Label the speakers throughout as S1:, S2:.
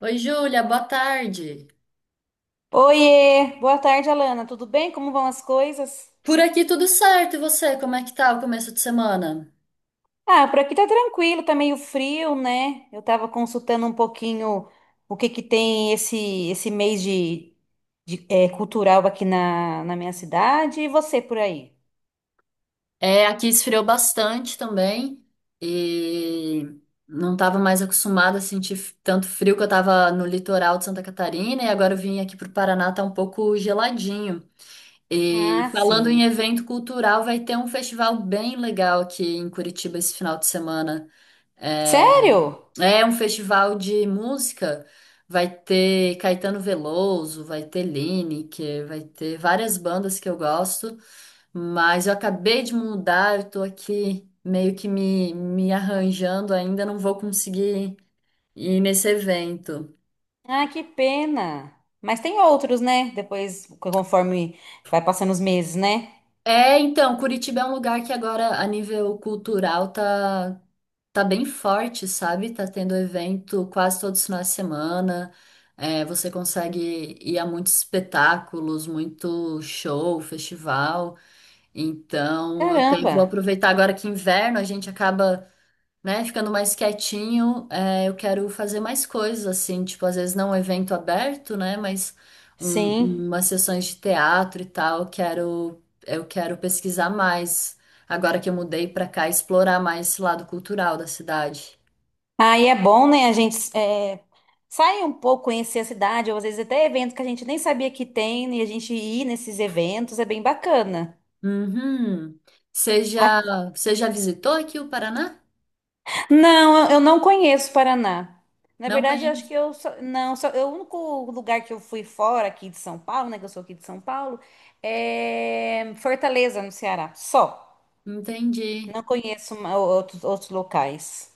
S1: Oi, Júlia, boa tarde.
S2: Oiê, boa tarde, Alana. Tudo bem? Como vão as coisas?
S1: Por aqui tudo certo, e você? Como é que tá o começo de semana?
S2: Ah, por aqui tá tranquilo, tá meio frio, né? Eu tava consultando um pouquinho o que que tem esse mês de cultural aqui na minha cidade e você por aí.
S1: É, aqui esfriou bastante também e não estava mais acostumada a sentir tanto frio que eu estava no litoral de Santa Catarina e agora eu vim aqui para o Paraná, tá um pouco geladinho. E
S2: Ah,
S1: falando em
S2: sim.
S1: evento cultural, vai ter um festival bem legal aqui em Curitiba esse final de semana. É,
S2: Sério?
S1: é um festival de música. Vai ter Caetano Veloso, vai ter Lineker, vai ter várias bandas que eu gosto, mas eu acabei de mudar, eu tô aqui meio que me arranjando ainda, não vou conseguir ir nesse evento.
S2: Ah, que pena. Mas tem outros, né? Depois, conforme vai passando os meses, né?
S1: É, então, Curitiba é um lugar que agora, a nível cultural, tá bem forte, sabe? Tá tendo evento quase todos os finais de semana. É, você consegue ir a muitos espetáculos, muito show, festival. Então, eu até
S2: Caramba.
S1: vou aproveitar agora que inverno, a gente acaba, né, ficando mais quietinho, é, eu quero fazer mais coisas, assim, tipo, às vezes não um evento aberto, né? Mas
S2: Sim.
S1: umas sessões de teatro e tal, eu quero pesquisar mais. Agora que eu mudei pra cá, explorar mais esse lado cultural da cidade.
S2: Aí é bom, né? A gente é, sai um pouco, conhecer a cidade, ou às vezes até evento que a gente nem sabia que tem, né, e a gente ir nesses eventos é bem bacana.
S1: Uhum. Você já,
S2: A-
S1: Você já visitou aqui o Paraná?
S2: Não, eu não conheço Paraná. Na
S1: Não
S2: verdade, eu acho
S1: conheço.
S2: que eu só, não, só, o único lugar que eu fui fora aqui de São Paulo, né? Que eu sou aqui de São Paulo, é Fortaleza, no Ceará. Só.
S1: Entendi.
S2: Não conheço outros locais.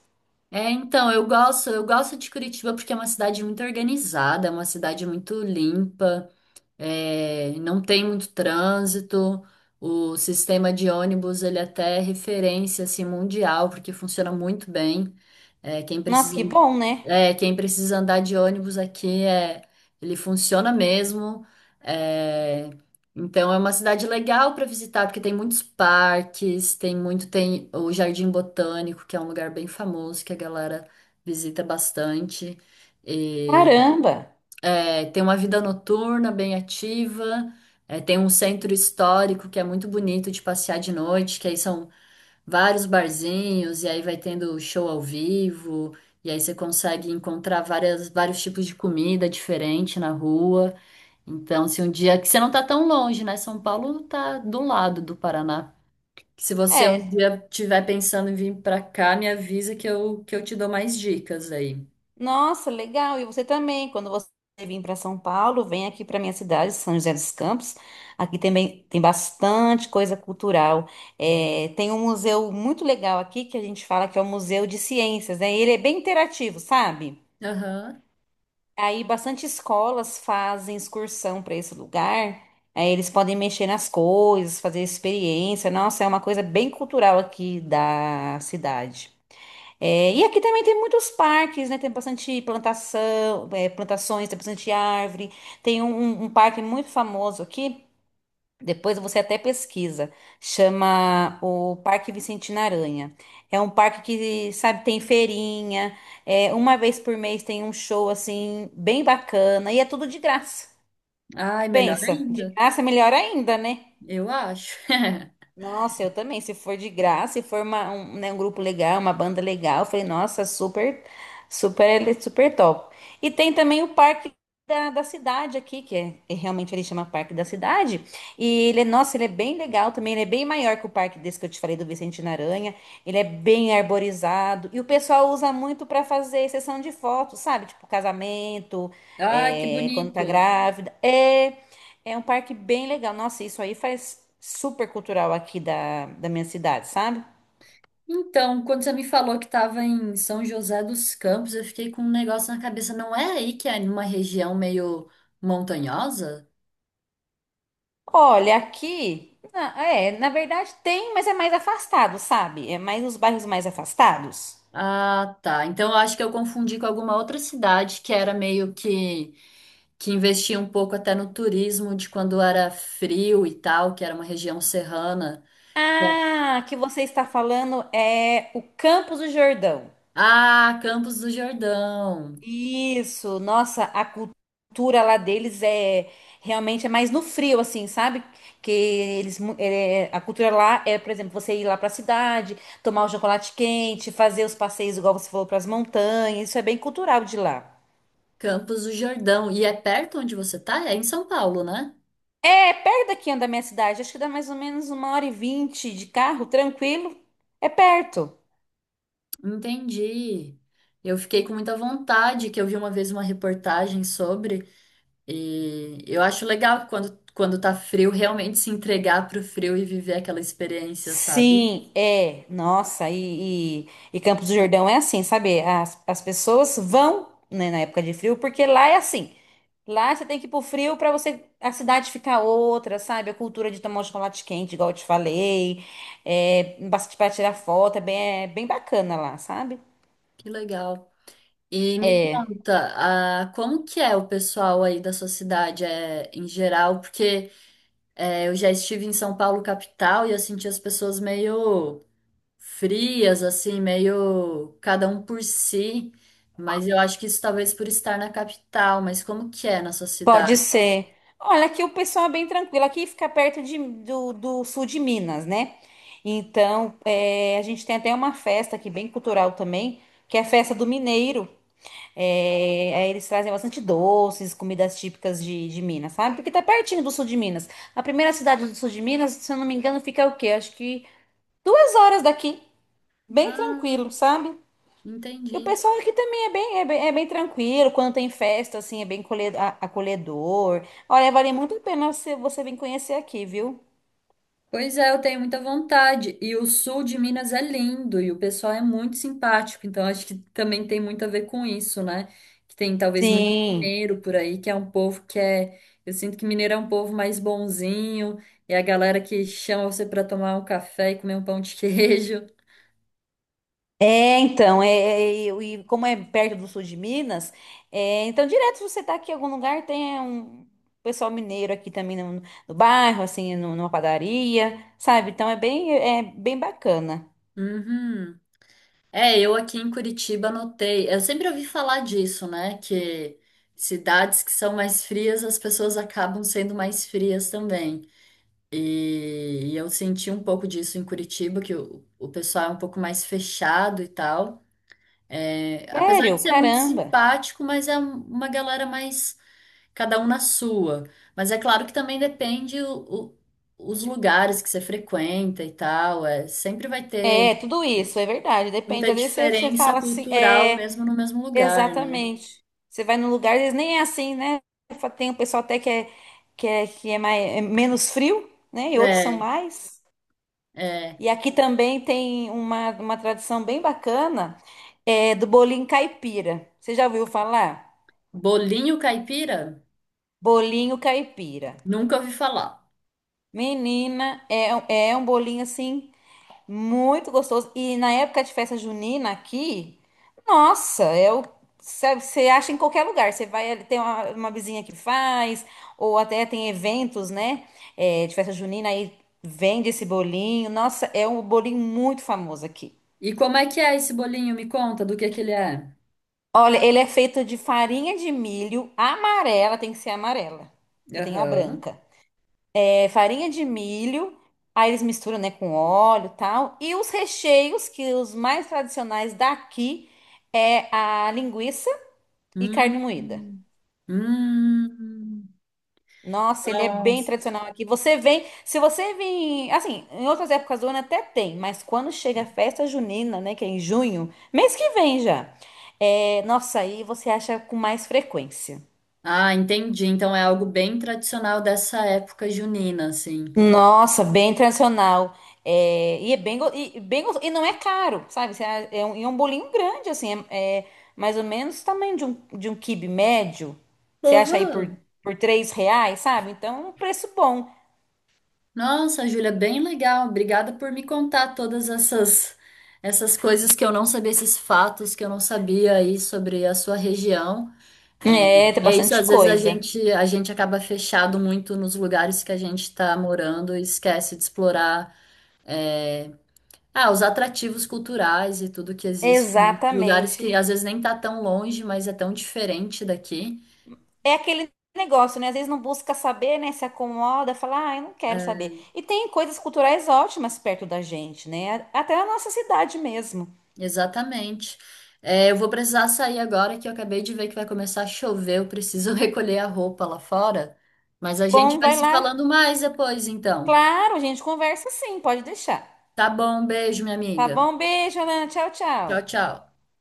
S1: É, então, eu gosto de Curitiba porque é uma cidade muito organizada, é uma cidade muito limpa. É, não tem muito trânsito. O sistema de ônibus ele até é referência assim, mundial, porque funciona muito bem. É, quem
S2: Nossa,
S1: precisa,
S2: que bom, né?
S1: quem precisa andar de ônibus aqui é, ele funciona mesmo. É, então é uma cidade legal para visitar, porque tem muitos parques, tem muito, tem o Jardim Botânico, que é um lugar bem famoso que a galera visita bastante.
S2: Caramba!
S1: É, tem uma vida noturna bem ativa, é, tem um centro histórico que é muito bonito de passear de noite, que aí são vários barzinhos, e aí vai tendo show ao vivo, e aí você consegue encontrar vários tipos de comida diferente na rua. Então, se um dia que você não tá tão longe, né? São Paulo tá do lado do Paraná. Se você um
S2: É.
S1: dia tiver pensando em vir pra cá, me avisa que eu te dou mais dicas aí.
S2: Nossa, legal. E você também, quando você vir para São Paulo, vem aqui para minha cidade, São José dos Campos. Aqui também tem bastante coisa cultural. É, tem um museu muito legal aqui que a gente fala que é o Museu de Ciências, né? Ele é bem interativo, sabe?
S1: Aham.
S2: Aí bastante escolas fazem excursão para esse lugar. Aí eles podem mexer nas coisas, fazer experiência. Nossa, é uma coisa bem cultural aqui da cidade. É, e aqui também tem muitos parques, né? Tem bastante plantação, é, plantações, tem bastante árvore. Tem um parque muito famoso aqui. Depois você até pesquisa. Chama o Parque Vicentina Aranha. É um parque que, sabe, tem feirinha. É, uma vez por mês tem um show assim bem bacana e é tudo de graça.
S1: Ai, melhor
S2: Pensa, de
S1: ainda,
S2: graça é melhor ainda, né?
S1: eu acho.
S2: Nossa, eu também. Se for de graça, se for um, né, um grupo legal, uma banda legal, eu falei, nossa, super, super, super top. E tem também o Parque da Cidade aqui, que é realmente ele chama Parque da Cidade. E ele, nossa, ele é bem legal também. Ele é bem maior que o parque desse que eu te falei do Vicente Aranha. Ele é bem arborizado. E o pessoal usa muito para fazer sessão de fotos, sabe? Tipo casamento,
S1: Ah, que
S2: é, quando tá
S1: bonito.
S2: grávida. É. É um parque bem legal. Nossa, isso aí faz super cultural aqui da minha cidade, sabe?
S1: Então, quando você me falou que estava em São José dos Campos, eu fiquei com um negócio na cabeça. Não é aí que é numa região meio montanhosa?
S2: Olha, aqui. É, na verdade tem, mas é mais afastado, sabe? É mais os bairros mais afastados.
S1: Ah, tá. Então, eu acho que eu confundi com alguma outra cidade que era meio que investia um pouco até no turismo de quando era frio e tal, que era uma região serrana.
S2: Ah, que você está falando é o Campos do Jordão.
S1: Ah, Campos do Jordão.
S2: Isso, nossa, a cultura lá deles é realmente é mais no frio, assim, sabe? Que eles a cultura lá é, por exemplo, você ir lá pra cidade, tomar o chocolate quente, fazer os passeios igual você falou pras montanhas, isso é bem cultural de lá.
S1: Campos do Jordão. E é perto onde você tá? É em São Paulo, né?
S2: É perto daqui da minha cidade, acho que dá mais ou menos 1h20 de carro, tranquilo, é perto.
S1: Entendi. Eu fiquei com muita vontade, que eu vi uma vez uma reportagem sobre, e eu acho legal quando tá frio, realmente se entregar pro frio e viver aquela experiência, sabe?
S2: Sim, é. Nossa, e Campos do Jordão é assim, sabe? As pessoas vão, né, na época de frio, porque lá é assim. Lá você tem que ir pro frio pra você a cidade ficar outra, sabe? A cultura de tomar um chocolate quente, igual eu te falei. É, bastante para tirar foto, é bem bacana lá, sabe?
S1: Que legal. E me
S2: É.
S1: conta, ah, como que é o pessoal aí da sua cidade, é, em geral? Porque é, eu já estive em São Paulo, capital, e eu senti as pessoas meio frias, assim, meio cada um por si. Mas eu acho que isso talvez por estar na capital, mas como que é na sua
S2: Pode
S1: cidade?
S2: ser. Olha, aqui o pessoal é bem tranquilo. Aqui fica perto do sul de Minas, né? Então, é, a gente tem até uma festa aqui, bem cultural também, que é a festa do Mineiro. É, aí eles trazem bastante doces, comidas típicas de Minas, sabe? Porque tá pertinho do sul de Minas. A primeira cidade do sul de Minas, se eu não me engano, fica o quê? Acho que 2 horas daqui. Bem
S1: Ah,
S2: tranquilo, sabe? E o
S1: entendi.
S2: pessoal aqui também é bem tranquilo, quando tem festa, assim, é bem acolhedor. Olha, vale muito a pena você, você vir conhecer aqui, viu?
S1: Pois é, eu tenho muita vontade. E o sul de Minas é lindo e o pessoal é muito simpático, então acho que também tem muito a ver com isso, né? Que tem talvez muito
S2: Sim.
S1: mineiro por aí, que é um povo que é. Eu sinto que mineiro é um povo mais bonzinho, é a galera que chama você para tomar um café e comer um pão de queijo.
S2: É, então, e como é perto do sul de Minas, é, então direto se você tá aqui em algum lugar, tem um pessoal mineiro aqui também no bairro, assim, numa padaria, sabe? Então é bem bacana.
S1: Uhum. É, eu aqui em Curitiba notei. Eu sempre ouvi falar disso, né? Que cidades que são mais frias, as pessoas acabam sendo mais frias também. E eu senti um pouco disso em Curitiba, que o pessoal é um pouco mais fechado e tal. É, apesar
S2: Sério?
S1: de ser muito
S2: Caramba.
S1: simpático, mas é uma galera mais cada um na sua. Mas é claro que também depende os lugares que você frequenta e tal. É, sempre vai ter.
S2: É, tudo isso, é verdade. Depende.
S1: Muita
S2: Às vezes você
S1: diferença
S2: fala assim.
S1: cultural
S2: É.
S1: mesmo no mesmo lugar, né?
S2: Exatamente. Você vai num lugar, eles nem é assim, né? Tem o pessoal até que é mais, é menos frio, né? E outros são
S1: É,
S2: mais.
S1: é.
S2: E aqui também tem uma tradição bem bacana, é do bolinho caipira. Você já ouviu falar?
S1: Bolinho caipira?
S2: Bolinho caipira.
S1: Nunca ouvi falar.
S2: Menina, é um bolinho assim muito gostoso. E na época de festa junina aqui, nossa, é o. Sabe, você acha em qualquer lugar. Você vai, tem uma vizinha que faz, ou até tem eventos, né? É, de festa junina, aí vende esse bolinho. Nossa, é um bolinho muito famoso aqui.
S1: E como é que é esse bolinho? Me conta do que ele é.
S2: Olha, ele é feito de farinha de milho amarela, tem que ser amarela, porque tem a
S1: Aham.
S2: branca. É farinha de milho, aí eles misturam, né, com óleo e tal. E os recheios, que os mais tradicionais daqui é a linguiça e carne
S1: Hum.
S2: moída.
S1: Hum.
S2: Nossa, ele é bem
S1: Nossa.
S2: tradicional aqui. Você vem, se você vir, assim, em outras épocas do ano até tem, mas quando chega a festa junina, né, que é em junho, mês que vem já. É, nossa, aí você acha com mais frequência.
S1: Ah, entendi. Então é algo bem tradicional dessa época junina, assim.
S2: Nossa, bem tradicional. É, e é bem, e bem gostoso. E não é caro, sabe? É um, e é um bolinho grande, assim. É, é mais ou menos o tamanho de um quibe médio. Você acha aí
S1: Aham.
S2: por R$ 3, sabe? Então, um preço bom.
S1: Nossa, Júlia, bem legal. Obrigada por me contar todas essas coisas que eu não sabia, esses fatos que eu não sabia aí sobre a sua região.
S2: É, tem
S1: É isso,
S2: bastante
S1: às vezes
S2: coisa.
S1: a gente acaba fechado muito nos lugares que a gente está morando e esquece de explorar é, ah, os atrativos culturais e tudo que existe em lugares que
S2: Exatamente.
S1: às vezes nem tá tão longe, mas é tão diferente daqui.
S2: É aquele negócio, né? Às vezes não busca saber, né? Se acomoda, fala, ah, eu não quero saber. E tem coisas culturais ótimas perto da gente, né? Até a nossa cidade mesmo.
S1: Exatamente. É, eu vou precisar sair agora que eu acabei de ver que vai começar a chover. Eu preciso recolher a roupa lá fora. Mas a gente
S2: Bom,
S1: vai
S2: vai
S1: se
S2: lá.
S1: falando mais depois, então.
S2: Claro, a gente conversa sim, pode deixar.
S1: Tá bom, beijo, minha
S2: Tá
S1: amiga.
S2: bom? Beijo, Alan. Tchau,
S1: Tchau,
S2: tchau.
S1: tchau.